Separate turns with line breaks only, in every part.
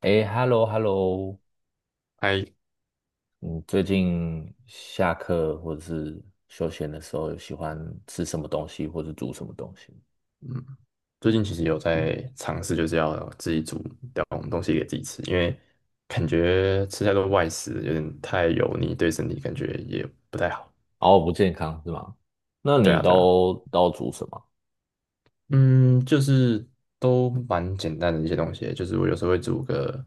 哎，hello，hello，
还
你最近下课或者是休闲的时候，有喜欢吃什么东西，或者煮什么东西？
嗯，最近其实有在尝试，就是要自己煮点东西给自己吃，因为感觉吃太多外食有点太油腻，对身体感觉也不太好。
哦，不健康是吗？那
对
你
啊，对啊，
都煮什么？
嗯，就是都蛮简单的一些东西，就是我有时候会煮个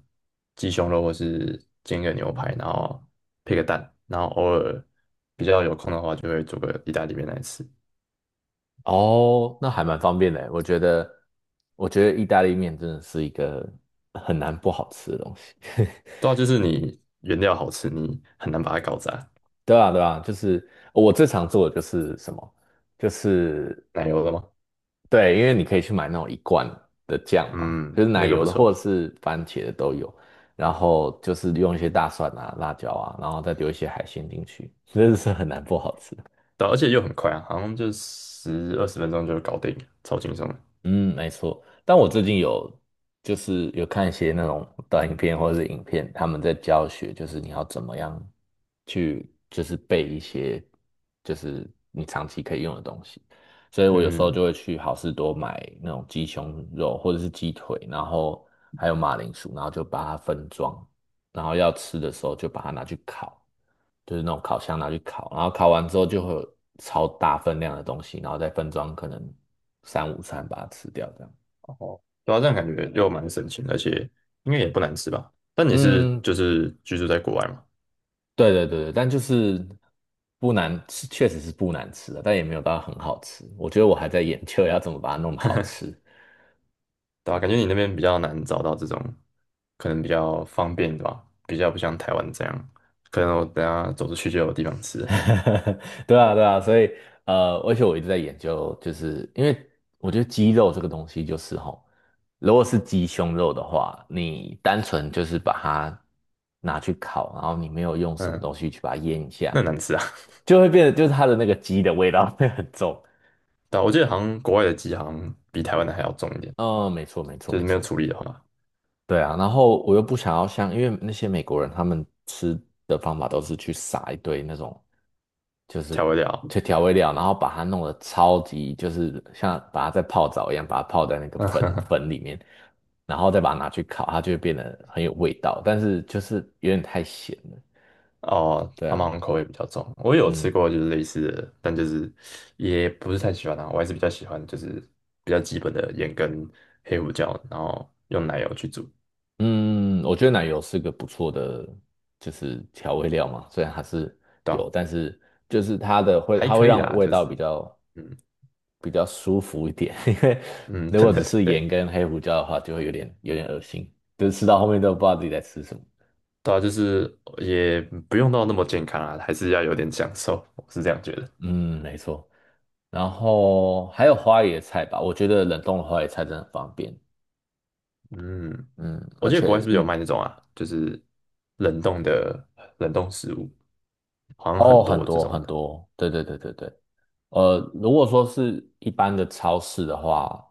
鸡胸肉，或是煎个牛排，然后配个蛋，然后偶尔比较有空的话，就会煮个意大利面来吃。
哦，那还蛮方便的欸。我觉得意大利面真的是一个很难不好吃的东西。
对啊，就是你原料好吃，你很难把它搞砸。
对啊，对啊，就是我最常做的就是什么，就是
奶油的吗？
对，因为你可以去买那种一罐的酱嘛，就
嗯，
是奶
那个
油
不
的或
错。
者是番茄的都有，然后就是用一些大蒜啊、辣椒啊，然后再丢一些海鲜进去，真的是很难不好吃。
对啊而且又很快啊，好像就10、20分钟就搞定，超轻松的。
嗯，没错。但我最近有就是有看一些那种短影片或者是影片，他们在教学，就是你要怎么样去就是背一些就是你长期可以用的东西。所以我有时候
嗯，
就会去好事多买那种鸡胸肉或者是鸡腿，然后还有马铃薯，然后就把它分装，然后要吃的时候就把它拿去烤，就是那种烤箱拿去烤，然后烤完之后就会有超大分量的东西，然后再分装可能三五餐把它吃掉这样。
哦，对啊，这样感觉又蛮省钱，而且应该也不难吃吧？但你是
嗯，
就是居住在国外嘛，
对对对对，但就是不难吃，确实是不难吃的，但也没有到很好吃。我觉得我还在研究要怎么把它弄得好吃。
对吧？感觉你那边比较难找到这种，可能比较方便，对吧？比较不像台湾这样，可能我等下走出去就有地方吃。
对啊，对啊，所以而且我一直在研究，就是因为我觉得鸡肉这个东西就是吼，如果是鸡胸肉的话，你单纯就是把它拿去烤，然后你没有用什么
嗯，
东西去把它腌一下，
那很难吃啊。
就会变得就是它的那个鸡的味道 会很重。
对啊，我记得好像国外的鸡好像比台湾的还要重一点，
嗯，没错，没错，
就
没
是没有
错。
处理的话，
对啊，然后我又不想要像，因为那些美国人他们吃的方法都是去撒一堆那种。就是
调味料。
去调味料，然后把它弄得超级，就是像把它在泡澡一样，把它泡在那个 粉粉里面，然后再把它拿去烤，它就会变得很有味道，但是就是有点太咸了。
哦，
对
他们
啊，
好像口味比较重。我有吃
嗯
过就是类似的，但就是也不是太喜欢啊。我还是比较喜欢就是比较基本的盐跟黑胡椒，然后用奶油去煮，
嗯，我觉得奶油是个不错的，就是调味料嘛，虽然它是
对啊，
有，但是就是它的会，
还
它会
可以
让
啦，
味
就
道
是
比较
嗯
比较舒服一点，因为
嗯，
如
真
果只
的
是盐
对，
跟黑胡椒的话，就会有点恶心，就是吃到后面都不知道自己在吃什么。
对啊，就是也不用到那么健康啊，还是要有点享受，我是这样觉得。
嗯，没错。然后还有花椰菜吧，我觉得冷冻的花椰菜真的很方便。
嗯，
嗯，
我
而
记得国外
且
是不是有
嗯，
卖那种啊，就是冷冻的冷冻食物，好像很
哦，很
多这
多
种
很
的，
多，对对对对对。如果说是一般的超市的话，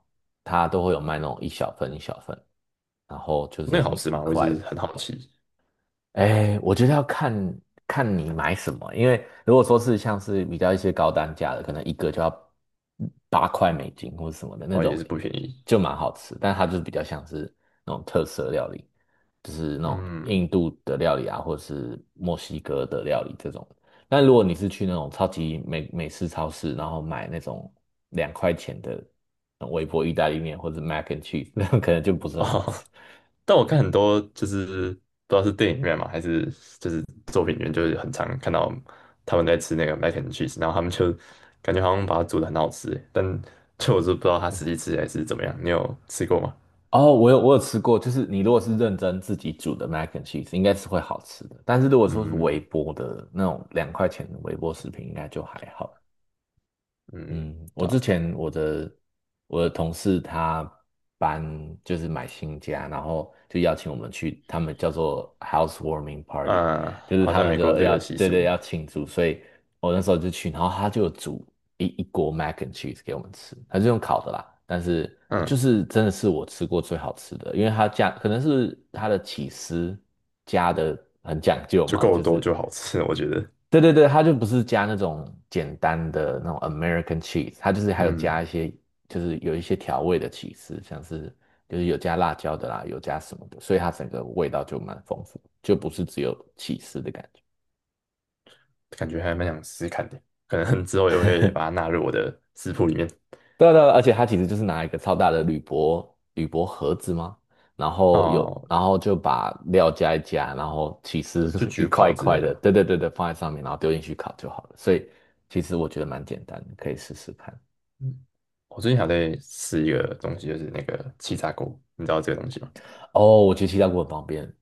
它都会有卖那种一小份一小份，然后就是
那个好
很
吃吗？
很
我一
快
直
的。
很好奇。
哎，我觉得要看看你买什么，因为如果说是像是比较一些高单价的，可能一个就要8块美金或者什么的那
哦，也
种，
是不便宜。
就蛮好吃，但它就是比较像是那种特色料理，就是那种
嗯，
印度的料理啊，或者是墨西哥的料理这种。但如果你是去那种超级美式超市，然后买那种两块钱的那种微波意大利面或者 mac and cheese，那种可能就不是很好吃。
哦，但我看很多就是不知道是电影院嘛，还是就是作品里面，就是很常看到他们在吃那个 mac and cheese，然后他们就感觉好像把它煮的很好吃欸，但 就我是不知道它实际吃起来是怎么样。你有吃过吗？
哦，我有吃过，就是你如果是认真自己煮的 mac and cheese，应该是会好吃的。但是如果说是微
嗯
波的那种两块钱的微波食品，应该就还好。
嗯，
嗯，我
对
之
啊，
前我的同事他搬就是买新家，然后就邀请我们去，他们叫做 housewarming party，
嗯，
就是
好
他
像
们
美
就
国有这
要
个习
对
俗，
对要庆祝，所以我那时候就去，然后他就煮一锅 mac and cheese 给我们吃，他是用烤的啦，但是就
嗯，
是真的是我吃过最好吃的，因为他加可能是他的起司加的很讲究
就
嘛，
够
就
多
是
就好吃，我觉得，
对对对，它就不是加那种简单的那种 American cheese，它就是还有加
嗯，
一些，就是有一些调味的起司，像是就是有加辣椒的啦，有加什么的，所以它整个味道就蛮丰富，就不是只有起司的感觉。
感觉还蛮想试试看的，可能之后也会把它纳入我的食谱里面。
对啊对啊而且它其实就是拿一个超大的铝箔盒子嘛，然后有
哦，
然后就把料加一加，然后起司
就
一
焗
块
烤
一
之
块
类
的，
的。
对对对对，放在上面，然后丢进去烤就好了。所以其实我觉得蛮简单的可以试试看。
嗯我最近还在试一个东西，就是那个气炸锅，你知道这个东西吗？
哦，我觉得气炸锅很方便。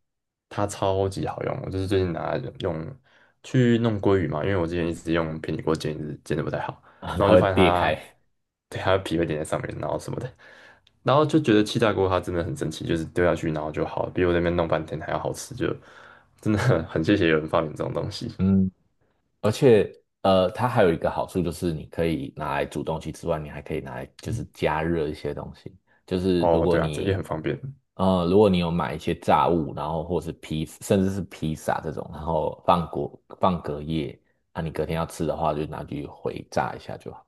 它超级好用，我就是最近拿来用去弄鲑鱼嘛，因为我之前一直用平底锅煎，一直煎的不太好，
啊，
然后
它
就
会
发现
裂
它，
开。
对，它的皮会粘在上面，然后什么的，然后就觉得气炸锅它真的很神奇，就是丢下去然后就好了，比我在那边弄半天还要好吃，就真的很谢谢有人发明这种东西。
嗯，而且它还有一个好处就是你可以拿来煮东西之外，你还可以拿来就是加热一些东西。就是如
哦，
果
对啊，这也
你
很方便。
如果你有买一些炸物，然后或是披，甚至是披萨这种，然后放果放隔夜，啊，你隔天要吃的话，就拿去回炸一下就好。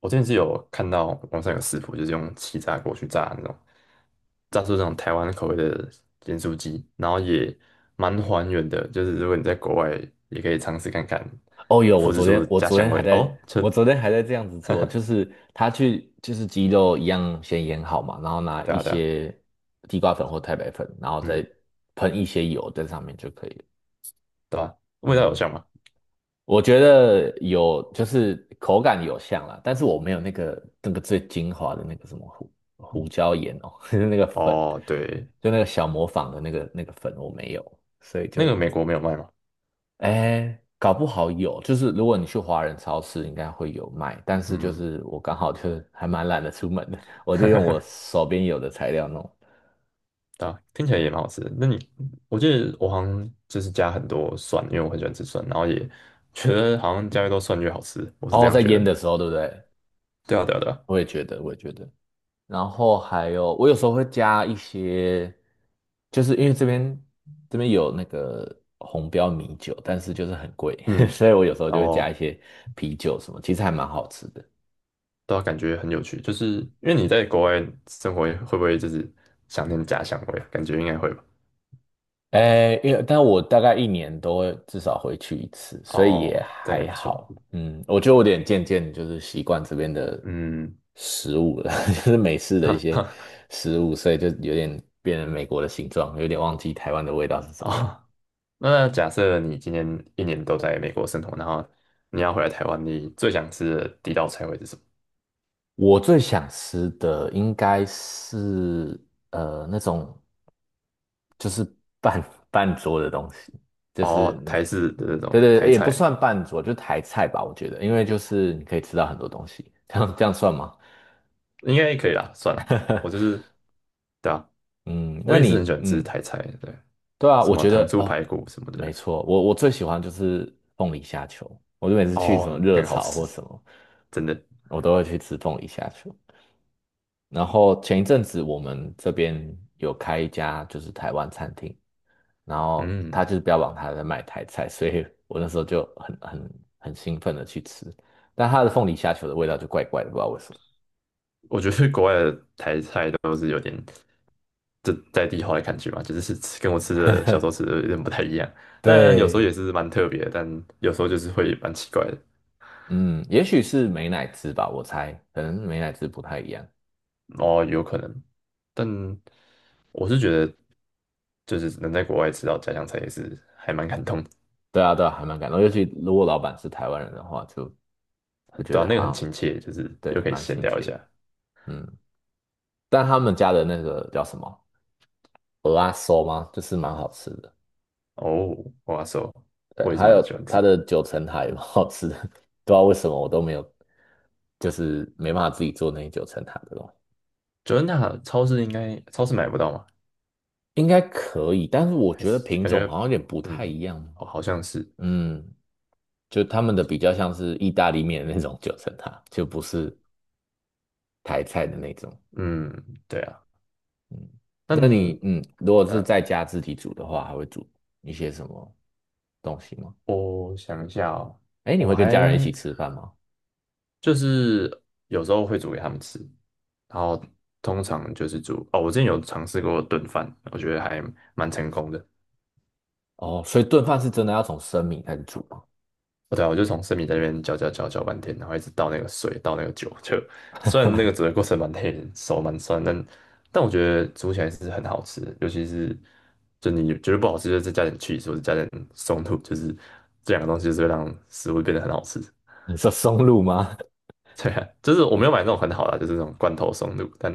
我之前是有看到网上有食谱，就是用气炸锅去炸那种，炸出那种台湾口味的盐酥鸡，然后也蛮还原的。就是如果你在国外，也可以尝试看看，
哦，有，我
复制
昨天
出
我
家
昨
乡
天还
味。
在，
哦，这
我昨天还在这样子做，就是他去就是鸡肉一样先腌好嘛，然后拿
对
一
啊对啊，
些地瓜粉或太白粉，然后
嗯，
再喷一些油在上面就可以了。
对啊，味道有
嗯，
像吗？
我觉得有就是口感有像啦，但是我没有那个那个最精华的那个什么胡椒盐哦，就是那个粉，
哦，对，
就那个小磨坊的那个那个粉我没有，所以
那
就。
个美国没有卖吗？
哎，搞不好有，就是如果你去华人超市，应该会有卖。但是就
嗯，
是我刚好就是还蛮懒得出门的，我就用我 手边有的材料弄。
对啊，听起来也蛮好吃的。那你，我记得我好像就是加很多蒜，因为我很喜欢吃蒜，然后也觉得好像加越多蒜越好吃，我是这
哦，
样
在
觉
腌
得。
的时候，对不对？
对啊，对啊，对啊，
我也觉得。然后还有，我有时候会加一些，就是因为这边有那个红标米酒，但是就是很贵，
嗯，
所以我有时候
然
就会加一
后
些啤酒什么，其实还蛮好吃的。
都感觉很有趣，就是因为你在国外生活，会不会就是想念家乡味啊？感觉应该会吧。
哎，因为但我大概一年都会至少回去一次，所以也
哦，这样
还
也不错。
好。嗯，我觉得我有点渐渐就是习惯这边的
嗯，
食物了，就是美式 的一
哈
些
哈，
食物，所以就有点变成美国的形状，有点忘记台湾的味道是怎么样。
哦，那假设你今年一年都在美国生活，然后你要回来台湾，你最想吃的第一道菜会是什么？
我最想吃的应该是那种。就是半半桌的东西，就是
哦，台式的那
对
种
对，
台
也不
菜
算半桌，就台菜吧，我觉得，因为就是你可以吃到很多东西，这样算吗？
应该可以啦，算了，我就 是，对啊，
嗯，
我
那
也是很
你
喜欢吃
嗯，
台菜，对，
对啊，
什
我
么
觉
糖
得
醋
哦，
排骨什么
没
的，
错，我最喜欢就是凤梨虾球，我就每次去什
哦，
么
那
热
个好
炒
吃，
或什么，
真的。
我都会去吃凤梨虾球。然后前一阵子我们这边有开一家就是台湾餐厅，然后他
嗯，
就是标榜他在卖台菜，所以我那时候就很兴奋的去吃，但他的凤梨虾球的味道就怪怪的，不知道为什么。
我觉得国外的台菜都是有点这在地化的感觉嘛，就是是吃跟我吃的小时候吃的有点不太一样，但有时候也
对，
是蛮特别的但有时候就是会蛮奇怪的，
嗯，也许是美乃滋吧，我猜，可能美乃滋不太一样。
哦，有可能，但我是觉得就是能在国外吃到家乡菜也是还蛮感动的，
对啊，对啊，还蛮感动，尤其如果老板是台湾人的话，就
很
会觉
对啊，
得
那个
好
很
像
亲切，就是又
对
可以
蛮
闲
亲
聊一
切的
下。
嗯，但他们家的那个叫什么蚵仔酥吗？就是蛮好吃的。
哦，哇塞，
对，
我也是
还
蛮
有
喜欢
它
吃。
的九层塔也蛮好吃的，不知道为什么我都没有，就是没办法自己做那些九层塔的东西。
九恩大超市应该超市买不到吗？
应该可以，但是我
还
觉得
是
品
感
种
觉，
好像有点不太
嗯，
一样。
哦，好像是，
嗯，就他们的比较像是意大利面的那种九层塔，就不是台菜的那种。
嗯，对啊，
嗯，那
但
你嗯，如果是
呃，
在家自己煮的话，还会煮一些什么东西吗？
我想一下哦，
哎，你
我
会跟家人一起
还
吃饭吗？
就是有时候会煮给他们吃，然后通常就是煮，哦，我之前有尝试过炖饭，我觉得还蛮成功的。
哦，所以炖饭是真的要从生米开始煮吗？
哦对啊，我就从生米在那边搅搅搅搅半天，然后一直倒那个水，倒那个酒，就虽然那个煮的过程蛮累的，手蛮酸，但我觉得煮起来是很好吃的，尤其是就你觉得不好吃，就再加点 c h e e 或者加点松露，就是这两个东西就是会让食物变得很好吃。
你说松露吗？
对啊，就是我没有买 那种很好的啊就是那种罐头松露，但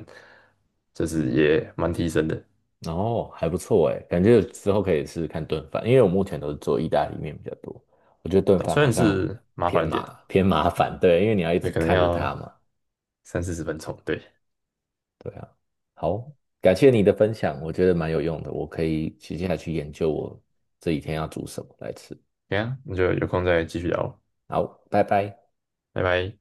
就是也蛮提升的，
哦，还不错哎，感觉之后可以试试看炖饭，因为我目前都是做意大利面比较多，我觉得炖饭
虽
好
然
像
是麻
偏
烦一点啊，
麻偏麻烦，对，因为你要一
也
直
可能
看着它
要
嘛，
30、40分钟。对，
对啊。好，感谢你的分享，我觉得蛮有用的，我可以接下来去研究我这几天要煮什么来吃。
对啊，那就有空再继续聊，
好，拜拜。
拜拜。